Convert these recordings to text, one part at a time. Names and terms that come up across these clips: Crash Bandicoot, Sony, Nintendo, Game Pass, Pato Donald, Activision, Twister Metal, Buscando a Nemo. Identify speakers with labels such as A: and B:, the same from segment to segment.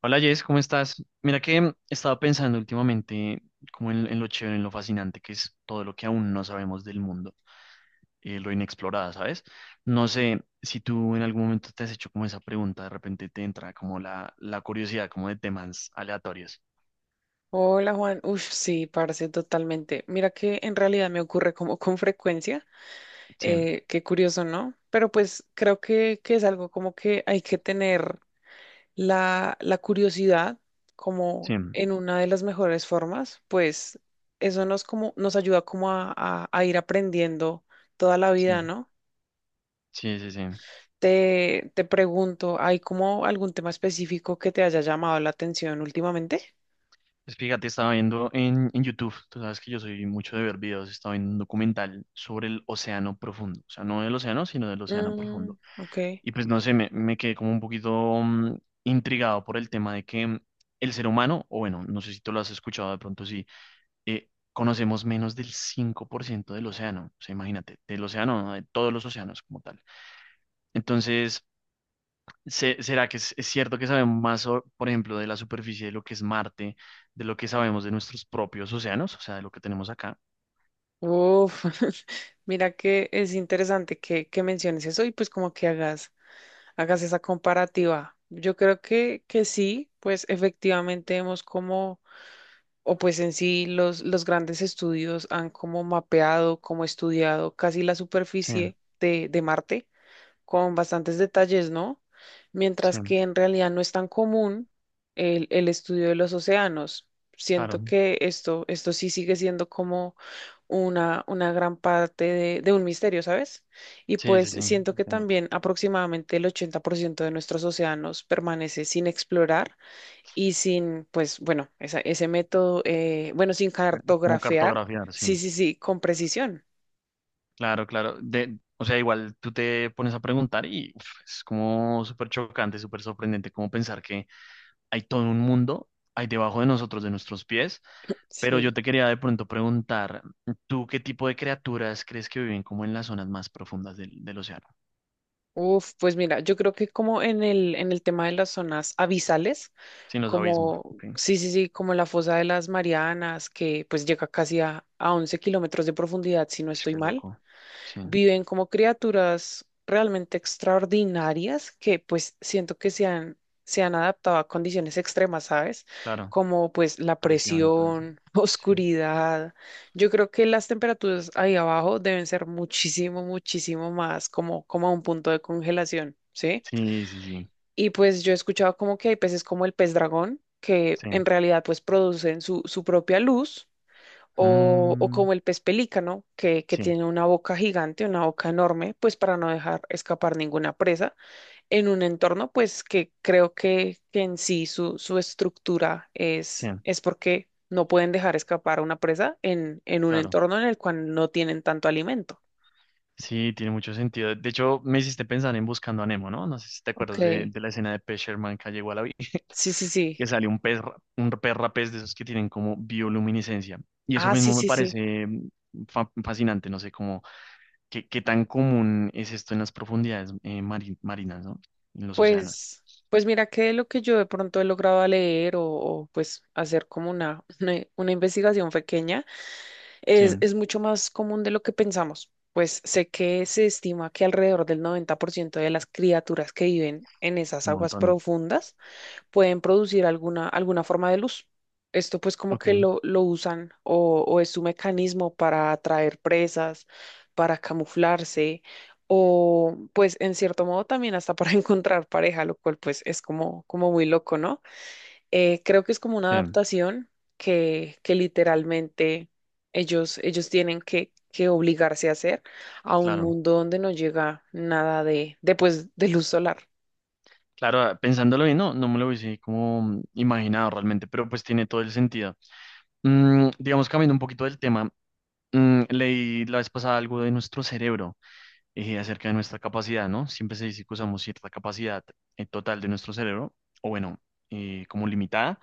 A: Hola Jess, ¿cómo estás? Mira que estaba pensando últimamente como en lo chévere, en lo fascinante que es todo lo que aún no sabemos del mundo, lo inexplorado, ¿sabes? No sé si tú en algún momento te has hecho como esa pregunta, de repente te entra como la curiosidad como de temas aleatorios.
B: Hola Juan, uff, sí, parce, totalmente. Mira que en realidad me ocurre como con frecuencia,
A: Sí,
B: qué curioso, ¿no? Pero pues creo que es algo como que hay que tener la curiosidad
A: sí,
B: como en una de las mejores formas, pues eso nos, como, nos ayuda como a ir aprendiendo toda la
A: sí,
B: vida, ¿no?
A: sí, sí, sí.
B: Te pregunto, ¿hay como algún tema específico que te haya llamado la atención últimamente?
A: Pues fíjate, estaba viendo en YouTube. Tú sabes que yo soy mucho de ver videos. Estaba viendo un documental sobre el océano profundo, o sea, no del océano, sino del océano
B: Mm,
A: profundo.
B: ok.
A: Y pues no sé, me quedé como un poquito mm, intrigado por el tema de que el ser humano, o bueno, no sé si tú lo has escuchado de pronto, sí, conocemos menos del 5% del océano, o sea, imagínate, del océano, ¿no? De todos los océanos como tal. Entonces, ¿será que es cierto que sabemos más, o por ejemplo, de la superficie de lo que es Marte, de lo que sabemos de nuestros propios océanos, o sea, de lo que tenemos acá?
B: Uf, mira que es interesante que menciones eso y pues como que hagas esa comparativa. Yo creo que sí, pues efectivamente hemos como... O pues en sí los grandes estudios han como mapeado, como estudiado casi la
A: Sí,
B: superficie de Marte con bastantes detalles, ¿no? Mientras
A: sí,
B: que en realidad no es tan común el estudio de los océanos. Siento
A: claro.
B: que esto sí sigue siendo como una gran parte de un misterio, ¿sabes? Y
A: Sí,
B: pues
A: sí, sí,
B: siento que
A: entiendo.
B: también aproximadamente el 80% de nuestros océanos permanece sin explorar y sin, pues bueno, ese método, bueno, sin
A: Como
B: cartografiar,
A: cartografiar,
B: sí,
A: sí.
B: sí, sí, con precisión,
A: Claro, claro. De, o sea, igual tú te pones a preguntar y uf, es como súper chocante, súper sorprendente como pensar que hay todo un mundo ahí debajo de nosotros, de nuestros pies. Pero yo
B: sí.
A: te quería de pronto preguntar, ¿tú qué tipo de criaturas crees que viven como en las zonas más profundas del océano?
B: Uf, pues mira, yo creo que como en en el tema de las zonas abisales,
A: Sin los abismos.
B: como,
A: Ok.
B: sí, sí, sí, como la fosa de las Marianas, que pues llega casi a 11 kilómetros de profundidad, si no
A: Ush,
B: estoy
A: qué
B: mal.
A: loco. Sí,
B: Viven como criaturas realmente extraordinarias que pues siento que se han adaptado a condiciones extremas, ¿sabes?
A: claro.
B: Como pues la
A: Presión y todo eso.
B: presión,
A: Sí,
B: oscuridad. Yo creo que las temperaturas ahí abajo deben ser muchísimo, muchísimo más como, como a un punto de congelación, ¿sí?
A: sí, sí, sí.
B: Y pues yo he escuchado como que hay peces como el pez dragón, que en
A: Sí.
B: realidad pues producen su propia luz o
A: Mm,
B: como el pez pelícano, que
A: sí,
B: tiene una boca gigante, una boca enorme, pues para no dejar escapar ninguna presa, en un entorno pues que creo que en sí su estructura
A: sí,
B: es porque no pueden dejar escapar a una presa en un
A: claro.
B: entorno en el cual no tienen tanto alimento.
A: Sí, tiene mucho sentido. De hecho, me hiciste pensar en Buscando a Nemo, ¿no? No sé si te
B: Ok,
A: acuerdas de la escena de Pez Sherman que llegó a la vida,
B: sí, sí, sí.
A: que sale un pez, un perra pez rapés de esos que tienen como bioluminiscencia. Y eso
B: Ah, sí,
A: mismo me
B: sí, sí.
A: parece fascinante, no sé cómo, qué, qué tan común es esto en las profundidades marinas, ¿no? En los océanos.
B: Pues, pues mira que lo que yo de pronto he logrado a leer o, pues hacer como una, una investigación pequeña.
A: Sí,
B: Es,
A: un
B: es mucho más común de lo que pensamos, pues sé que se estima que alrededor del 90% de las criaturas que viven en esas aguas
A: montón.
B: profundas pueden producir alguna, alguna forma de luz. Esto pues como
A: Ok,
B: que lo usan o es su mecanismo para atraer presas, para camuflarse o pues en cierto modo también hasta para encontrar pareja, lo cual pues es como, como muy loco, ¿no? Creo que es como una
A: sí,
B: adaptación que literalmente ellos tienen que obligarse a hacer a un
A: claro.
B: mundo donde no llega nada pues, de luz solar.
A: Claro, pensándolo bien, no, no me lo hubiese como imaginado realmente, pero pues tiene todo el sentido. Digamos, cambiando un poquito del tema, leí la vez pasada algo de nuestro cerebro y acerca de nuestra capacidad, ¿no? Siempre se dice que usamos cierta capacidad en total de nuestro cerebro, o bueno, como limitada,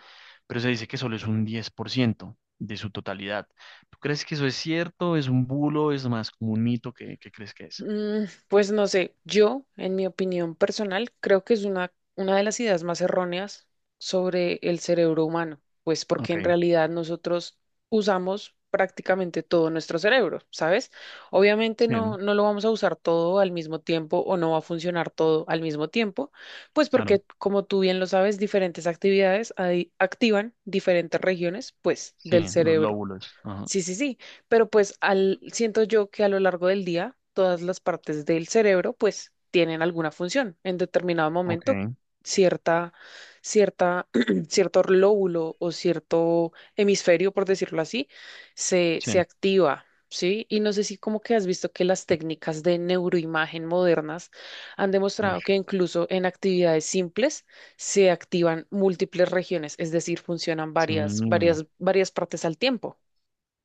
A: pero se dice que solo es un 10% de su totalidad. ¿Tú crees que eso es cierto? ¿Es un bulo? ¿Es más como un mito? ¿Qué, qué crees que es?
B: Mm, pues no sé, yo, en mi opinión personal, creo que es una de las ideas más erróneas sobre el cerebro humano, pues porque
A: Ok,
B: en realidad nosotros usamos prácticamente todo nuestro cerebro, ¿sabes? Obviamente
A: sí,
B: no, no lo vamos a usar todo al mismo tiempo o no va a funcionar todo al mismo tiempo, pues
A: claro.
B: porque, como tú bien lo sabes, diferentes actividades ahí activan diferentes regiones, pues,
A: Sí,
B: del
A: los
B: cerebro.
A: lóbulos. Ajá.
B: Sí, sí, sí, pero pues siento yo que a lo largo del día todas las partes del cerebro pues tienen alguna función. En determinado
A: Ok,
B: momento cierta, cierta, cierto lóbulo o cierto hemisferio, por decirlo así, se
A: sí.
B: activa, ¿sí? Y no sé si como que has visto que las técnicas de neuroimagen modernas han demostrado
A: Ush,
B: que incluso en actividades simples se activan múltiples regiones, es decir, funcionan
A: sí,
B: varias partes al tiempo.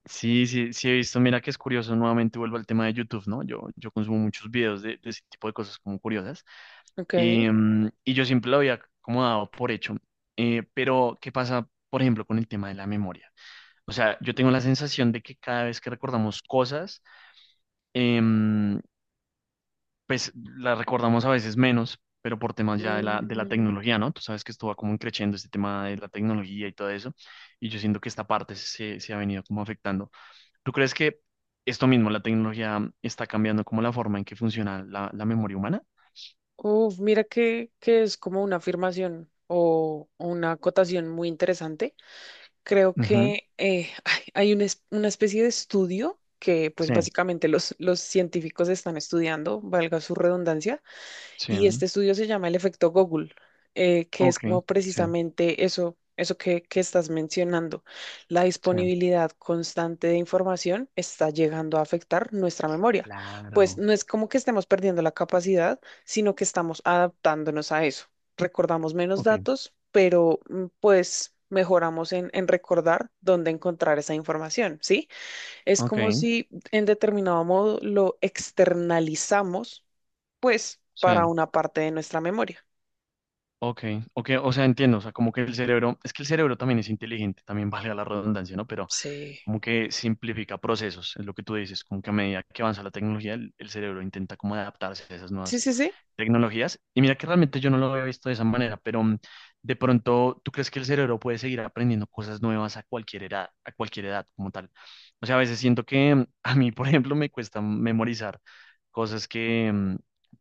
A: sí, sí, sí he visto. Mira que es curioso, nuevamente vuelvo al tema de YouTube, ¿no? Yo consumo muchos videos de ese tipo de cosas como curiosas
B: Ok.
A: y, mm, y yo siempre lo había como dado por hecho. Pero, ¿qué pasa, por ejemplo, con el tema de la memoria? O sea, yo tengo la sensación de que cada vez que recordamos cosas, em, pues la recordamos a veces menos, pero por temas ya de la
B: Mm,
A: tecnología, ¿no? Tú sabes que esto va como creciendo este tema de la tecnología y todo eso, y yo siento que esta parte se ha venido como afectando. ¿Tú crees que esto mismo, la tecnología, está cambiando como la forma en que funciona la memoria humana?
B: uf, mira que es como una afirmación o una acotación muy interesante. Creo
A: Ujú,
B: que ay, hay una, una especie de estudio que pues
A: sí,
B: básicamente los científicos están estudiando, valga su redundancia.
A: sí,
B: Y este estudio se llama el efecto Google, que es
A: ok,
B: como
A: sí,
B: precisamente eso, eso que estás mencionando. La
A: sí,
B: disponibilidad constante de información está llegando a afectar nuestra memoria. Pues
A: claro,
B: no es como que estemos perdiendo la capacidad, sino que estamos adaptándonos a eso. Recordamos menos
A: ok,
B: datos, pero pues mejoramos en recordar dónde encontrar esa información, ¿sí? Es
A: ok,
B: como si en determinado modo lo externalizamos pues
A: sí,
B: para una parte de nuestra memoria.
A: ok, ok, o sea, entiendo. O sea, como que el cerebro, es que el cerebro también es inteligente, también vale la redundancia, ¿no? Pero
B: Sí,
A: como que simplifica procesos, es lo que tú dices, como que a medida que avanza la tecnología, el cerebro intenta como adaptarse a esas
B: sí,
A: nuevas
B: sí, sí.
A: tecnologías. Y mira que realmente yo no lo había visto de esa manera, pero de pronto, ¿tú crees que el cerebro puede seguir aprendiendo cosas nuevas a cualquier edad como tal? O sea, a veces siento que a mí, por ejemplo, me cuesta memorizar cosas que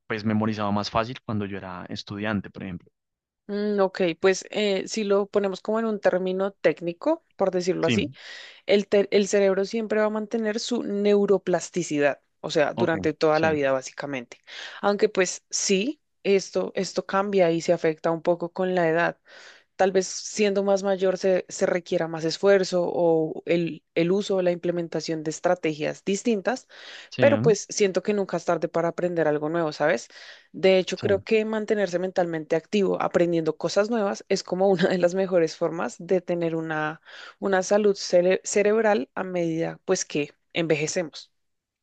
A: pues memorizaba más fácil cuando yo era estudiante, por ejemplo.
B: Mm, ok, pues si lo ponemos como en un término técnico, por decirlo
A: Sí,
B: así, el cerebro siempre va a mantener su neuroplasticidad, o sea,
A: ok,
B: durante toda la
A: sí,
B: vida básicamente. Aunque pues sí, esto cambia y se afecta un poco con la edad. Tal vez siendo más mayor se requiera más esfuerzo o el uso o la implementación de estrategias distintas,
A: sí,
B: pero
A: ¿eh?
B: pues siento que nunca es tarde para aprender algo nuevo, ¿sabes? De hecho,
A: Sí.
B: creo que mantenerse mentalmente activo, aprendiendo cosas nuevas, es como una de las mejores formas de tener una salud cerebral a medida, pues, que envejecemos.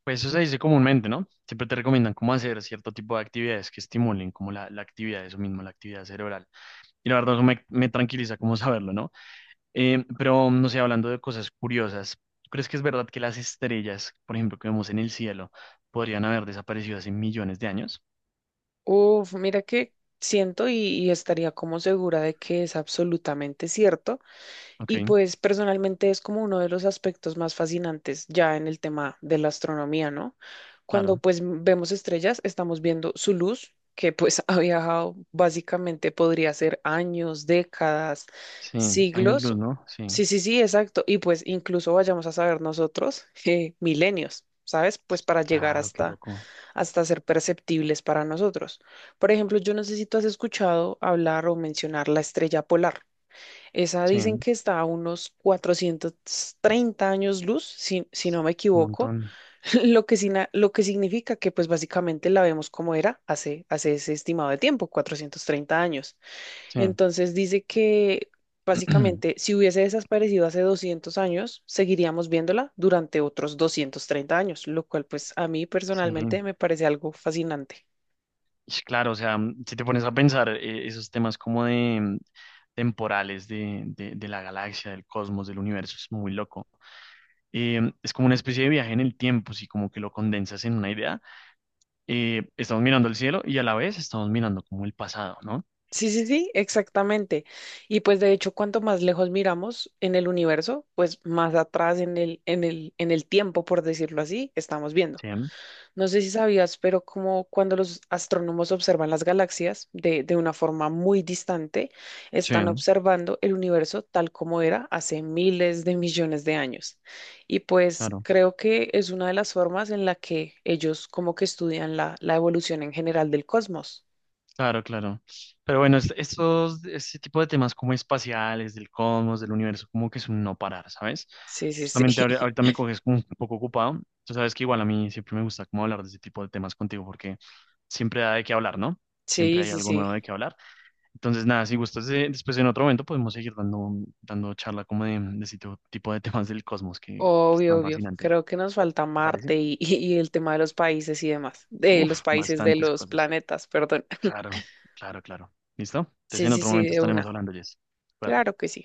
A: Pues eso se dice comúnmente, ¿no? Siempre te recomiendan cómo hacer cierto tipo de actividades que estimulen como la actividad, eso mismo, la actividad cerebral. Y la verdad, eso me, me tranquiliza como saberlo, ¿no? Pero, no sé, hablando de cosas curiosas, ¿tú crees que es verdad que las estrellas, por ejemplo, que vemos en el cielo, podrían haber desaparecido hace millones de años?
B: Uf, mira que siento y estaría como segura de que es absolutamente cierto.
A: Ok,
B: Y pues personalmente es como uno de los aspectos más fascinantes ya en el tema de la astronomía, ¿no? Cuando
A: claro.
B: pues vemos estrellas, estamos viendo su luz, que pues ha viajado básicamente, podría ser años, décadas,
A: Sí, años
B: siglos.
A: luz, ¿no? Sí,
B: Sí, sí, sí, exacto. Y pues incluso vayamos a saber nosotros, milenios, ¿sabes? Pues para llegar
A: claro, qué
B: hasta,
A: loco.
B: hasta ser perceptibles para nosotros. Por ejemplo, yo no sé si tú has escuchado hablar o mencionar la estrella polar. Esa
A: Sí,
B: dicen
A: un
B: que está a unos 430 años luz, si no me equivoco,
A: montón.
B: lo que, lo que significa que pues básicamente la vemos como era hace, hace ese estimado de tiempo, 430 años.
A: Sí,
B: Entonces dice que básicamente si hubiese desaparecido hace 200 años, seguiríamos viéndola durante otros 230 años, lo cual pues a mí
A: sí.
B: personalmente me parece algo fascinante.
A: Ish, claro, o sea, si te pones a pensar esos temas como de temporales de, de la galaxia, del cosmos, del universo, es muy loco. Es como una especie de viaje en el tiempo, si como que lo condensas en una idea. Estamos mirando el cielo y a la vez estamos mirando como el pasado, ¿no?
B: Sí, sí, sí, exactamente. Y pues de hecho, cuanto más lejos miramos en el universo, pues más atrás en en el tiempo, por decirlo así, estamos viendo.
A: Sí, mm,
B: No sé si sabías, pero como cuando los astrónomos observan las galaxias de una forma muy distante,
A: sí,
B: están observando el universo tal como era hace miles de millones de años. Y pues
A: claro.
B: creo que es una de las formas en la que ellos como que estudian la, la evolución en general del cosmos.
A: Claro, claro. Pero bueno, estos, este tipo de temas como espaciales, del cosmos, del universo, como que es un no parar, ¿sabes?
B: Sí, sí, sí.
A: Justamente ahorita me coges como un poco ocupado. Tú sabes que igual a mí siempre me gusta como hablar de ese tipo de temas contigo porque siempre da de qué hablar, ¿no? Siempre
B: Sí,
A: hay
B: sí,
A: algo
B: sí.
A: nuevo de qué hablar. Entonces, nada, si gustas, después en otro momento podemos seguir dando charla como de ese tipo de temas del cosmos que es
B: Obvio,
A: tan
B: obvio.
A: fascinante, ¿te
B: Creo que nos falta
A: parece?
B: Marte y el tema de los países y demás. De los
A: Uf,
B: países, de
A: bastantes
B: los
A: cosas.
B: planetas, perdón.
A: Claro, claro, claro. ¿Listo? Entonces
B: Sí,
A: en
B: sí,
A: otro
B: sí,
A: momento
B: de
A: estaremos
B: una.
A: hablando, Jess. Cuídate.
B: Claro que sí.